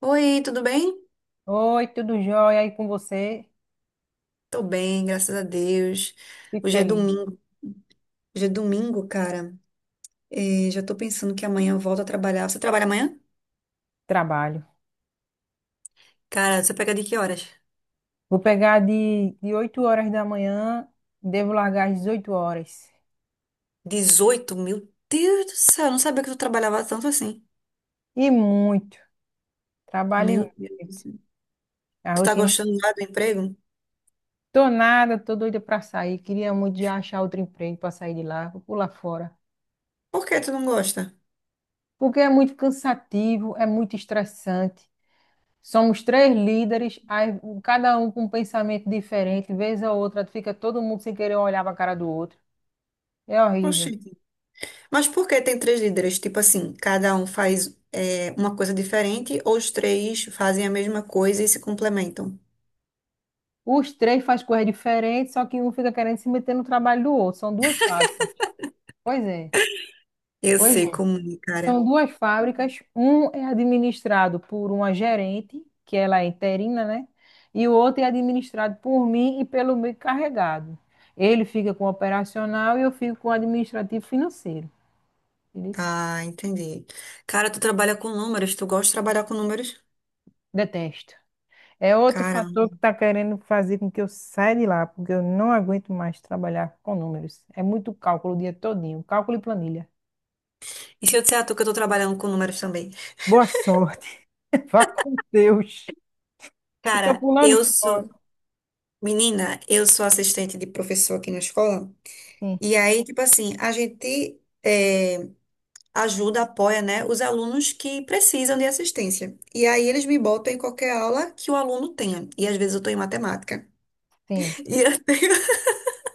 Oi, tudo bem? Oi, tudo jóia aí com você? Tô bem, graças a Deus. Fico Hoje é feliz. domingo. Hoje é domingo, cara. Já tô pensando que amanhã eu volto a trabalhar. Você trabalha amanhã? Trabalho. Cara, você pega de que horas? Vou pegar de 8 horas da manhã, devo largar às 18 horas. 18, meu Deus do céu, eu não sabia que tu trabalhava tanto assim. E muito. Trabalho e Meu Deus do muito. céu. A Tu tá rotina. gostando lá do emprego? Tô nada, tô doida pra sair. Queria muito já achar outro emprego pra sair de lá, vou pular fora. Por que tu não gosta? Porque é muito cansativo, é muito estressante. Somos três líderes, cada um com um pensamento diferente. Vez a outra, fica todo mundo sem querer olhar pra cara do outro. É horrível. Oxi. Mas por que tem três líderes? Tipo assim, cada um faz, uma coisa diferente, ou os três fazem a mesma coisa e se complementam? Os três fazem coisas diferentes, só que um fica querendo se meter no trabalho do outro. São duas fábricas. Pois é, Eu pois sei é. como, é, cara. São duas fábricas. Um é administrado por uma gerente, que ela é interina, né? E o outro é administrado por mim e pelo meu encarregado. Ele fica com o operacional e eu fico com o administrativo financeiro. Ele disse, Tá, entendi. Cara, tu trabalha com números, tu gosta de trabalhar com números? detesto. É outro Cara. fator que está querendo fazer com que eu saia de lá, porque eu não aguento mais trabalhar com números. É muito cálculo o dia todinho, cálculo e planilha. E se eu disser a tu que eu tô trabalhando com números também? Boa sorte, vá com Deus. Eu tô Cara, pulando eu fora. sou, menina, eu sou assistente de professor aqui na escola. Sim, E aí, tipo assim, a gente ajuda, apoia, né, os alunos que precisam de assistência. E aí eles me botam em qualquer aula que o aluno tenha. E às vezes eu tô em matemática. sim. E eu,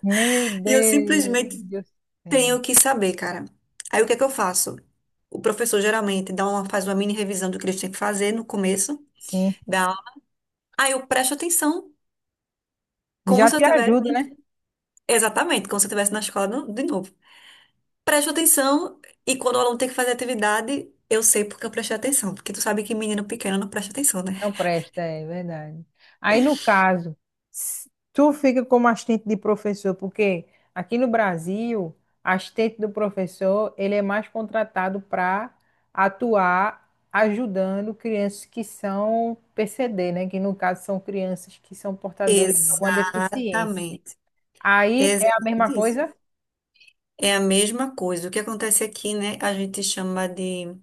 Meu e eu Deus simplesmente do céu. tenho que saber, cara. Aí o que é que eu faço? O professor geralmente dá uma, faz uma mini revisão do que eles têm que fazer no começo Sim, da aula. Aí eu presto atenção, como já se eu te tivesse, ajuda, né? exatamente, como se eu estivesse na escola de novo. Presto atenção e, quando o aluno tem que fazer atividade, eu sei porque eu prestei atenção, porque tu sabe que menino pequeno não presta atenção, né? Não presta, é verdade. Aí, no caso, tu fica como assistente de professor, porque aqui no Brasil, assistente do professor, ele é mais contratado para atuar ajudando crianças que são PCD, né? Que no caso são crianças que são portadores de alguma deficiência. Exatamente. É Aí é a mesma exatamente isso. coisa? É a mesma coisa. O que acontece aqui, né? A gente chama de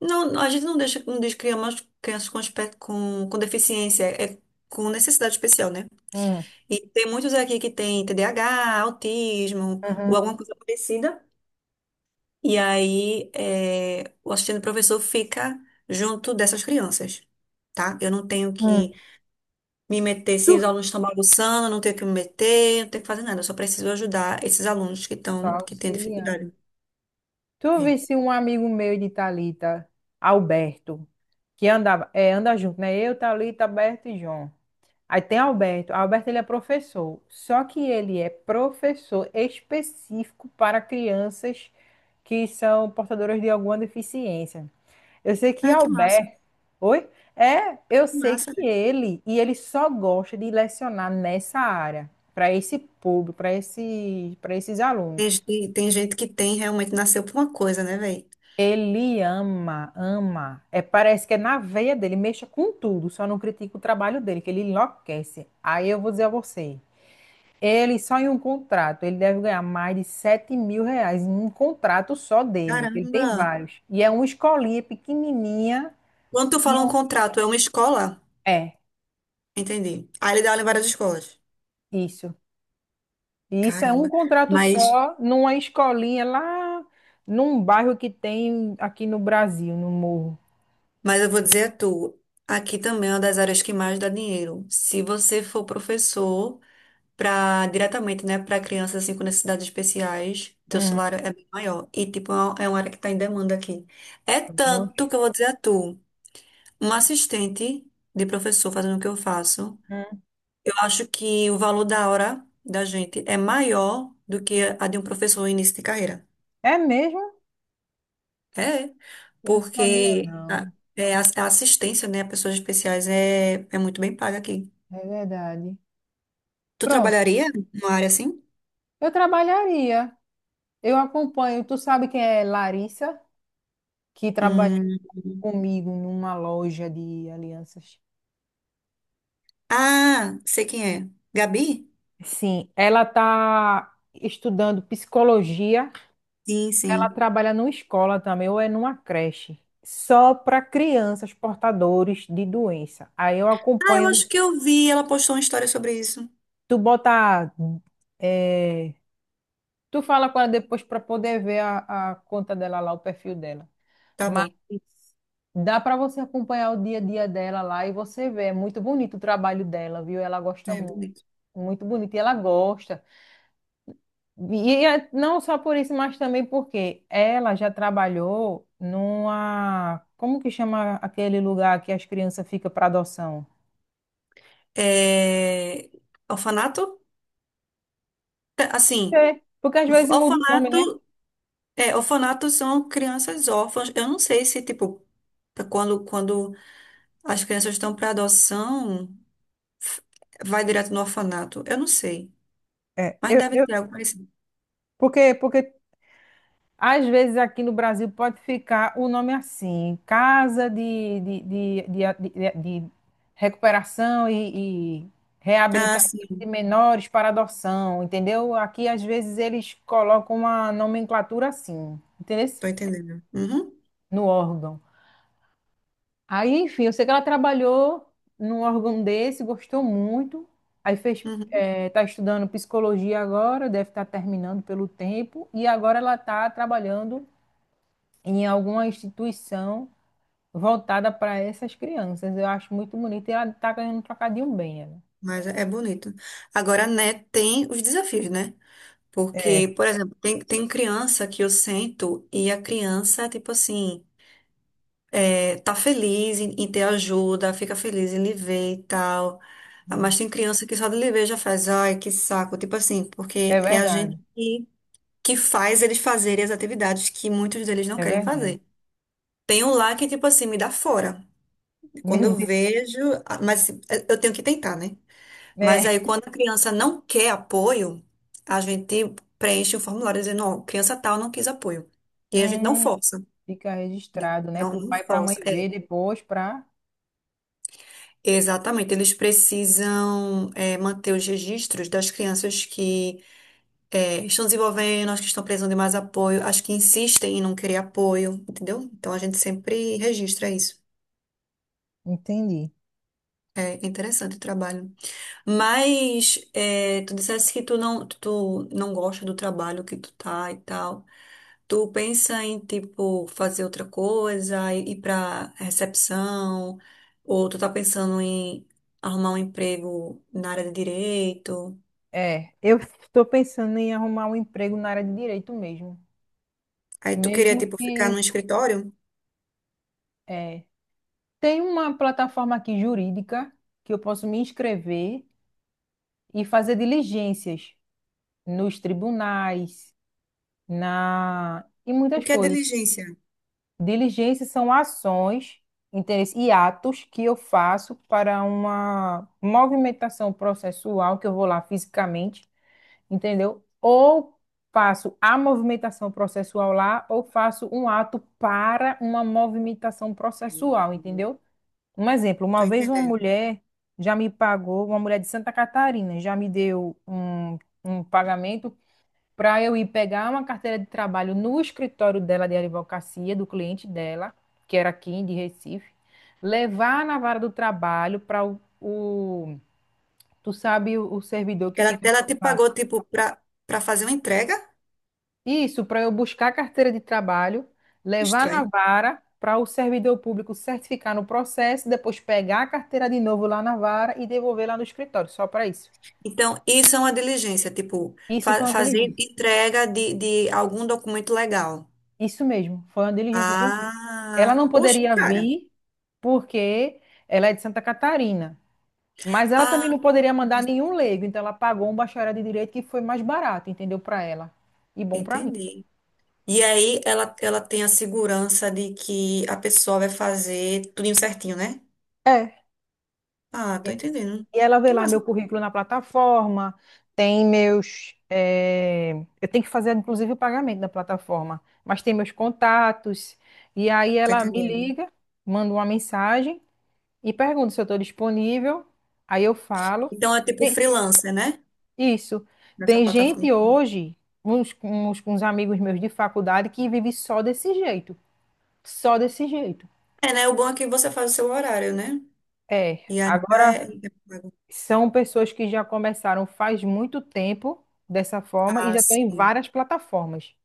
não, a gente não deixa, não deixa crianças crianças com, com deficiência, é, com necessidade especial, né? Hum. E tem muitos aqui que tem TDAH, autismo ou Uhum. alguma coisa parecida. E aí é, o assistente professor fica junto dessas crianças, tá? Eu não tenho que Hum. me meter, se os Tu- alunos estão bagunçando, eu não tenho que me meter, não tenho que fazer nada, eu só preciso ajudar esses alunos que tô estão, que têm auxiliando. dificuldade. Tu É. visse um amigo meu de Thalita, Alberto, que andava, é, anda junto, né? Eu, Thalita, Alberto e João. Aí tem Alberto. Alberto, ele é professor. Só que ele é professor específico para crianças que são portadoras de alguma deficiência. Eu sei que Ai, Albert. Oi? É, eu que sei massa, que né? ele, e ele só gosta de lecionar nessa área, para esse público, para esses Tem, alunos. Tem gente que tem realmente nasceu por uma coisa, né, velho? Ele ama, ama. É, parece que é na veia dele, mexa com tudo, só não critica o trabalho dele, que ele enlouquece. Aí eu vou dizer a você, ele só em um contrato, ele deve ganhar mais de R$ 7.000 em um contrato só dele, que ele tem Caramba! vários. E é uma escolinha pequenininha, Quando tu e fala um um, contrato, é uma escola? é, Entendi. Aí ele dá aula em várias escolas. isso. E isso é um Caramba. contrato Mas, só numa escolinha lá num bairro que tem aqui no Brasil, no Morro. mas eu vou dizer a tu, aqui também é uma das áreas que mais dá dinheiro. Se você for professor para diretamente, né, para crianças assim com necessidades especiais, teu Hum. salário é bem maior. E tipo, é uma área que está em demanda aqui. É Oxe. tanto que eu vou dizer a tu, uma assistente de professor fazendo o que eu faço. Hum. Acho que o valor da hora da gente é maior do que a de um professor em início de carreira. É mesmo? É, Eu não sabia, porque a, não. é, a assistência, né, a pessoas especiais é, é muito bem paga aqui. É verdade. Tu Pronto, trabalharia numa área assim? eu trabalharia. Eu acompanho. Tu sabe quem é Larissa, que trabalha Hum. comigo numa loja de alianças. Ah, sei quem é. Gabi? Sim, ela está estudando psicologia, Sim, ela sim. trabalha numa escola também, ou é numa creche, só para crianças portadores de doença. Aí eu Ah, eu acho acompanho, que eu vi, ela postou uma história sobre isso. tu bota, é, tu fala com ela depois para poder ver a conta dela lá, o perfil dela. Tá Mas bom. dá para você acompanhar o dia a dia dela lá e você vê, é muito bonito o trabalho dela, viu? Ela gosta É, muito, bonito. muito bonito e ela gosta. E é não só por isso, mas também porque ela já trabalhou numa. Como que chama aquele lugar que as crianças ficam para adoção? É, orfanato? É, assim, É, porque às vezes muda o nome, né? orfanato. É, orfanatos são crianças órfãs. Eu não sei se, tipo, quando, quando as crianças estão para adoção, f- vai direto no orfanato. Eu não sei. É, Mas eu, deve eu, ter algo parecido. porque, porque às vezes aqui no Brasil pode ficar o nome assim, Casa de Recuperação e Ah, Reabilitação de sim, Menores para Adoção, entendeu? Aqui às vezes eles colocam uma nomenclatura assim, entendeu? tô entendendo. Uhum, No órgão. Aí, enfim, eu sei que ela trabalhou num órgão desse, gostou muito. Aí fez, uhum. Tá estudando psicologia agora, deve estar terminando pelo tempo. E agora ela está trabalhando em alguma instituição voltada para essas crianças. Eu acho muito bonito. E ela está ganhando um trocadinho bem, ela. Mas é é bonito. Agora, né, tem os desafios, né? É, Porque, por exemplo, tem, tem criança que eu sento e a criança, tipo assim. É, tá feliz em, em ter ajuda, fica feliz em lhe ver e tal. Ah, é, mas tem criança que só de lhe ver já faz, ai, que saco. Tipo assim, porque é é a verdade, gente que faz eles fazerem as atividades que muitos deles não é querem verdade. fazer. Tem um lá que, tipo assim, me dá fora. Quando Meu eu Deus, vejo, ah, mas assim, eu tenho que tentar, né? Mas né? aí, quando a criança não quer apoio, a gente preenche um formulário dizendo, ó, criança tal não quis apoio. E a gente não Hum, força, fica né? registrado, né? Não, Para o não pai e para a mãe força. ver É, depois, para. exatamente, eles precisam manter os registros das crianças que estão desenvolvendo, as que estão precisando de mais apoio, as que insistem em não querer apoio, entendeu? Então a gente sempre registra isso. Entendi. É interessante o trabalho. Mas tu dissesse que tu não gosta do trabalho que tu tá e tal. Tu pensa em, tipo, fazer outra coisa, ir pra recepção, ou tu tá pensando em arrumar um emprego na área de direito. É, eu estou pensando em arrumar um emprego na área de direito mesmo. Aí tu queria, Mesmo tipo, ficar no que escritório? é, tem uma plataforma aqui jurídica que eu posso me inscrever e fazer diligências nos tribunais, na e O muitas que é coisas. diligência? Diligências são ações, interesse e atos que eu faço para uma movimentação processual que eu vou lá fisicamente, entendeu? Ou faço a movimentação processual lá, ou faço um ato para uma movimentação processual, entendeu? Um exemplo, Tô uma vez uma entendendo. mulher já me pagou, uma mulher de Santa Catarina, já me deu um pagamento para eu ir pegar uma carteira de trabalho no escritório dela de advocacia, do cliente dela, que era aqui de Recife, levar na vara do trabalho para tu sabe, o servidor que Ela, fica ela te lá. pagou, tipo, pra, pra fazer uma entrega? Isso, para eu buscar a carteira de trabalho, levar na Estranho. vara para o servidor público certificar no processo, depois pegar a carteira de novo lá na vara e devolver lá no escritório, só para isso. Então, isso é uma diligência, tipo, Isso foi uma fazer diligência. entrega de algum documento legal. Isso mesmo, foi uma diligência que eu fiz. Ah, Ela não poxa, poderia cara. vir porque ela é de Santa Catarina, mas ela Ah, também não poderia mandar nenhum leigo, então ela pagou um bacharel de direito que foi mais barato, entendeu? Para ela e bom para mim. entendi. E aí ela tem a segurança de que a pessoa vai fazer tudo certinho, né? É. Ah, tô Isso. entendendo. E ela vê Que lá meu massa. currículo na plataforma, tem meus. Eu tenho que fazer, inclusive, o pagamento da plataforma, mas tem meus contatos. E aí Tô ela me entendendo. liga, manda uma mensagem e pergunta se eu estou disponível. Aí eu falo. Então é tipo Tem- freelancer, né? Isso. Nessa Tem plataforma. gente hoje, uns amigos meus de faculdade, que vive só desse jeito. Só desse jeito. É, né? O bom é que você faz o seu horário, né? É. E ainda é. Agora. São pessoas que já começaram faz muito tempo dessa forma e Ah, já estão em sim. várias plataformas.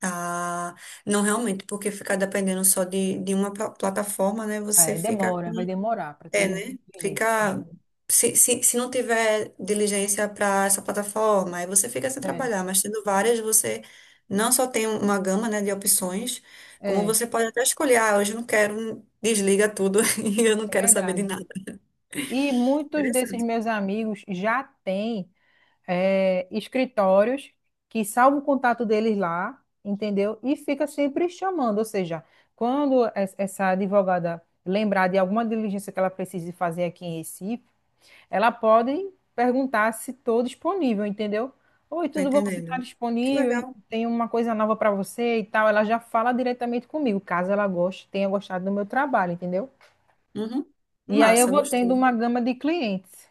Ah, não realmente, porque ficar dependendo só de uma plataforma, né? Você É, fica com. demora, vai demorar para ter É, né? inteligência. Fica. Se não tiver diligência para essa plataforma, aí você fica sem É, trabalhar, mas tendo várias, você não só tem uma gama, né, de opções, como é, você pode até escolher, ah, hoje eu não quero, um, desliga tudo e eu não é quero saber de verdade. nada. E muitos desses Interessante, meus amigos já têm, é, escritórios que salvam o contato deles lá, entendeu? E fica sempre chamando. Ou seja, quando essa advogada lembrar de alguma diligência que ela precise fazer aqui em Recife, ela pode perguntar se estou disponível, entendeu? Oi, tô tudo bom? Você está entendendo. Que disponível? legal. Tem uma coisa nova para você e tal. Ela já fala diretamente comigo, caso ela goste, tenha gostado do meu trabalho, entendeu? Uhum. E aí eu Massa, vou tendo gostei. uma gama de clientes,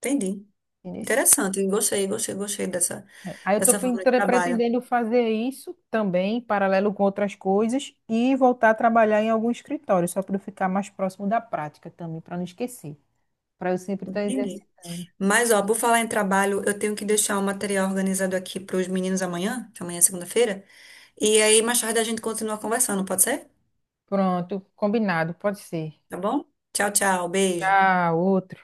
Entendi. entendeu? Interessante, gostei, gostei, gostei dessa, Aí eu estou dessa forma de trabalho. pretendendo fazer isso também, em paralelo com outras coisas, e voltar a trabalhar em algum escritório, só para eu ficar mais próximo da prática também, para não esquecer, para eu sempre estar Entendi. exercitando. Mas, ó, por falar em trabalho, eu tenho que deixar o material organizado aqui para os meninos amanhã, que amanhã é segunda-feira. E aí, mais tarde a gente continua conversando, pode ser? Pronto, combinado, pode ser. Tá bom? Tchau, tchau. Beijo. Tchau, outra.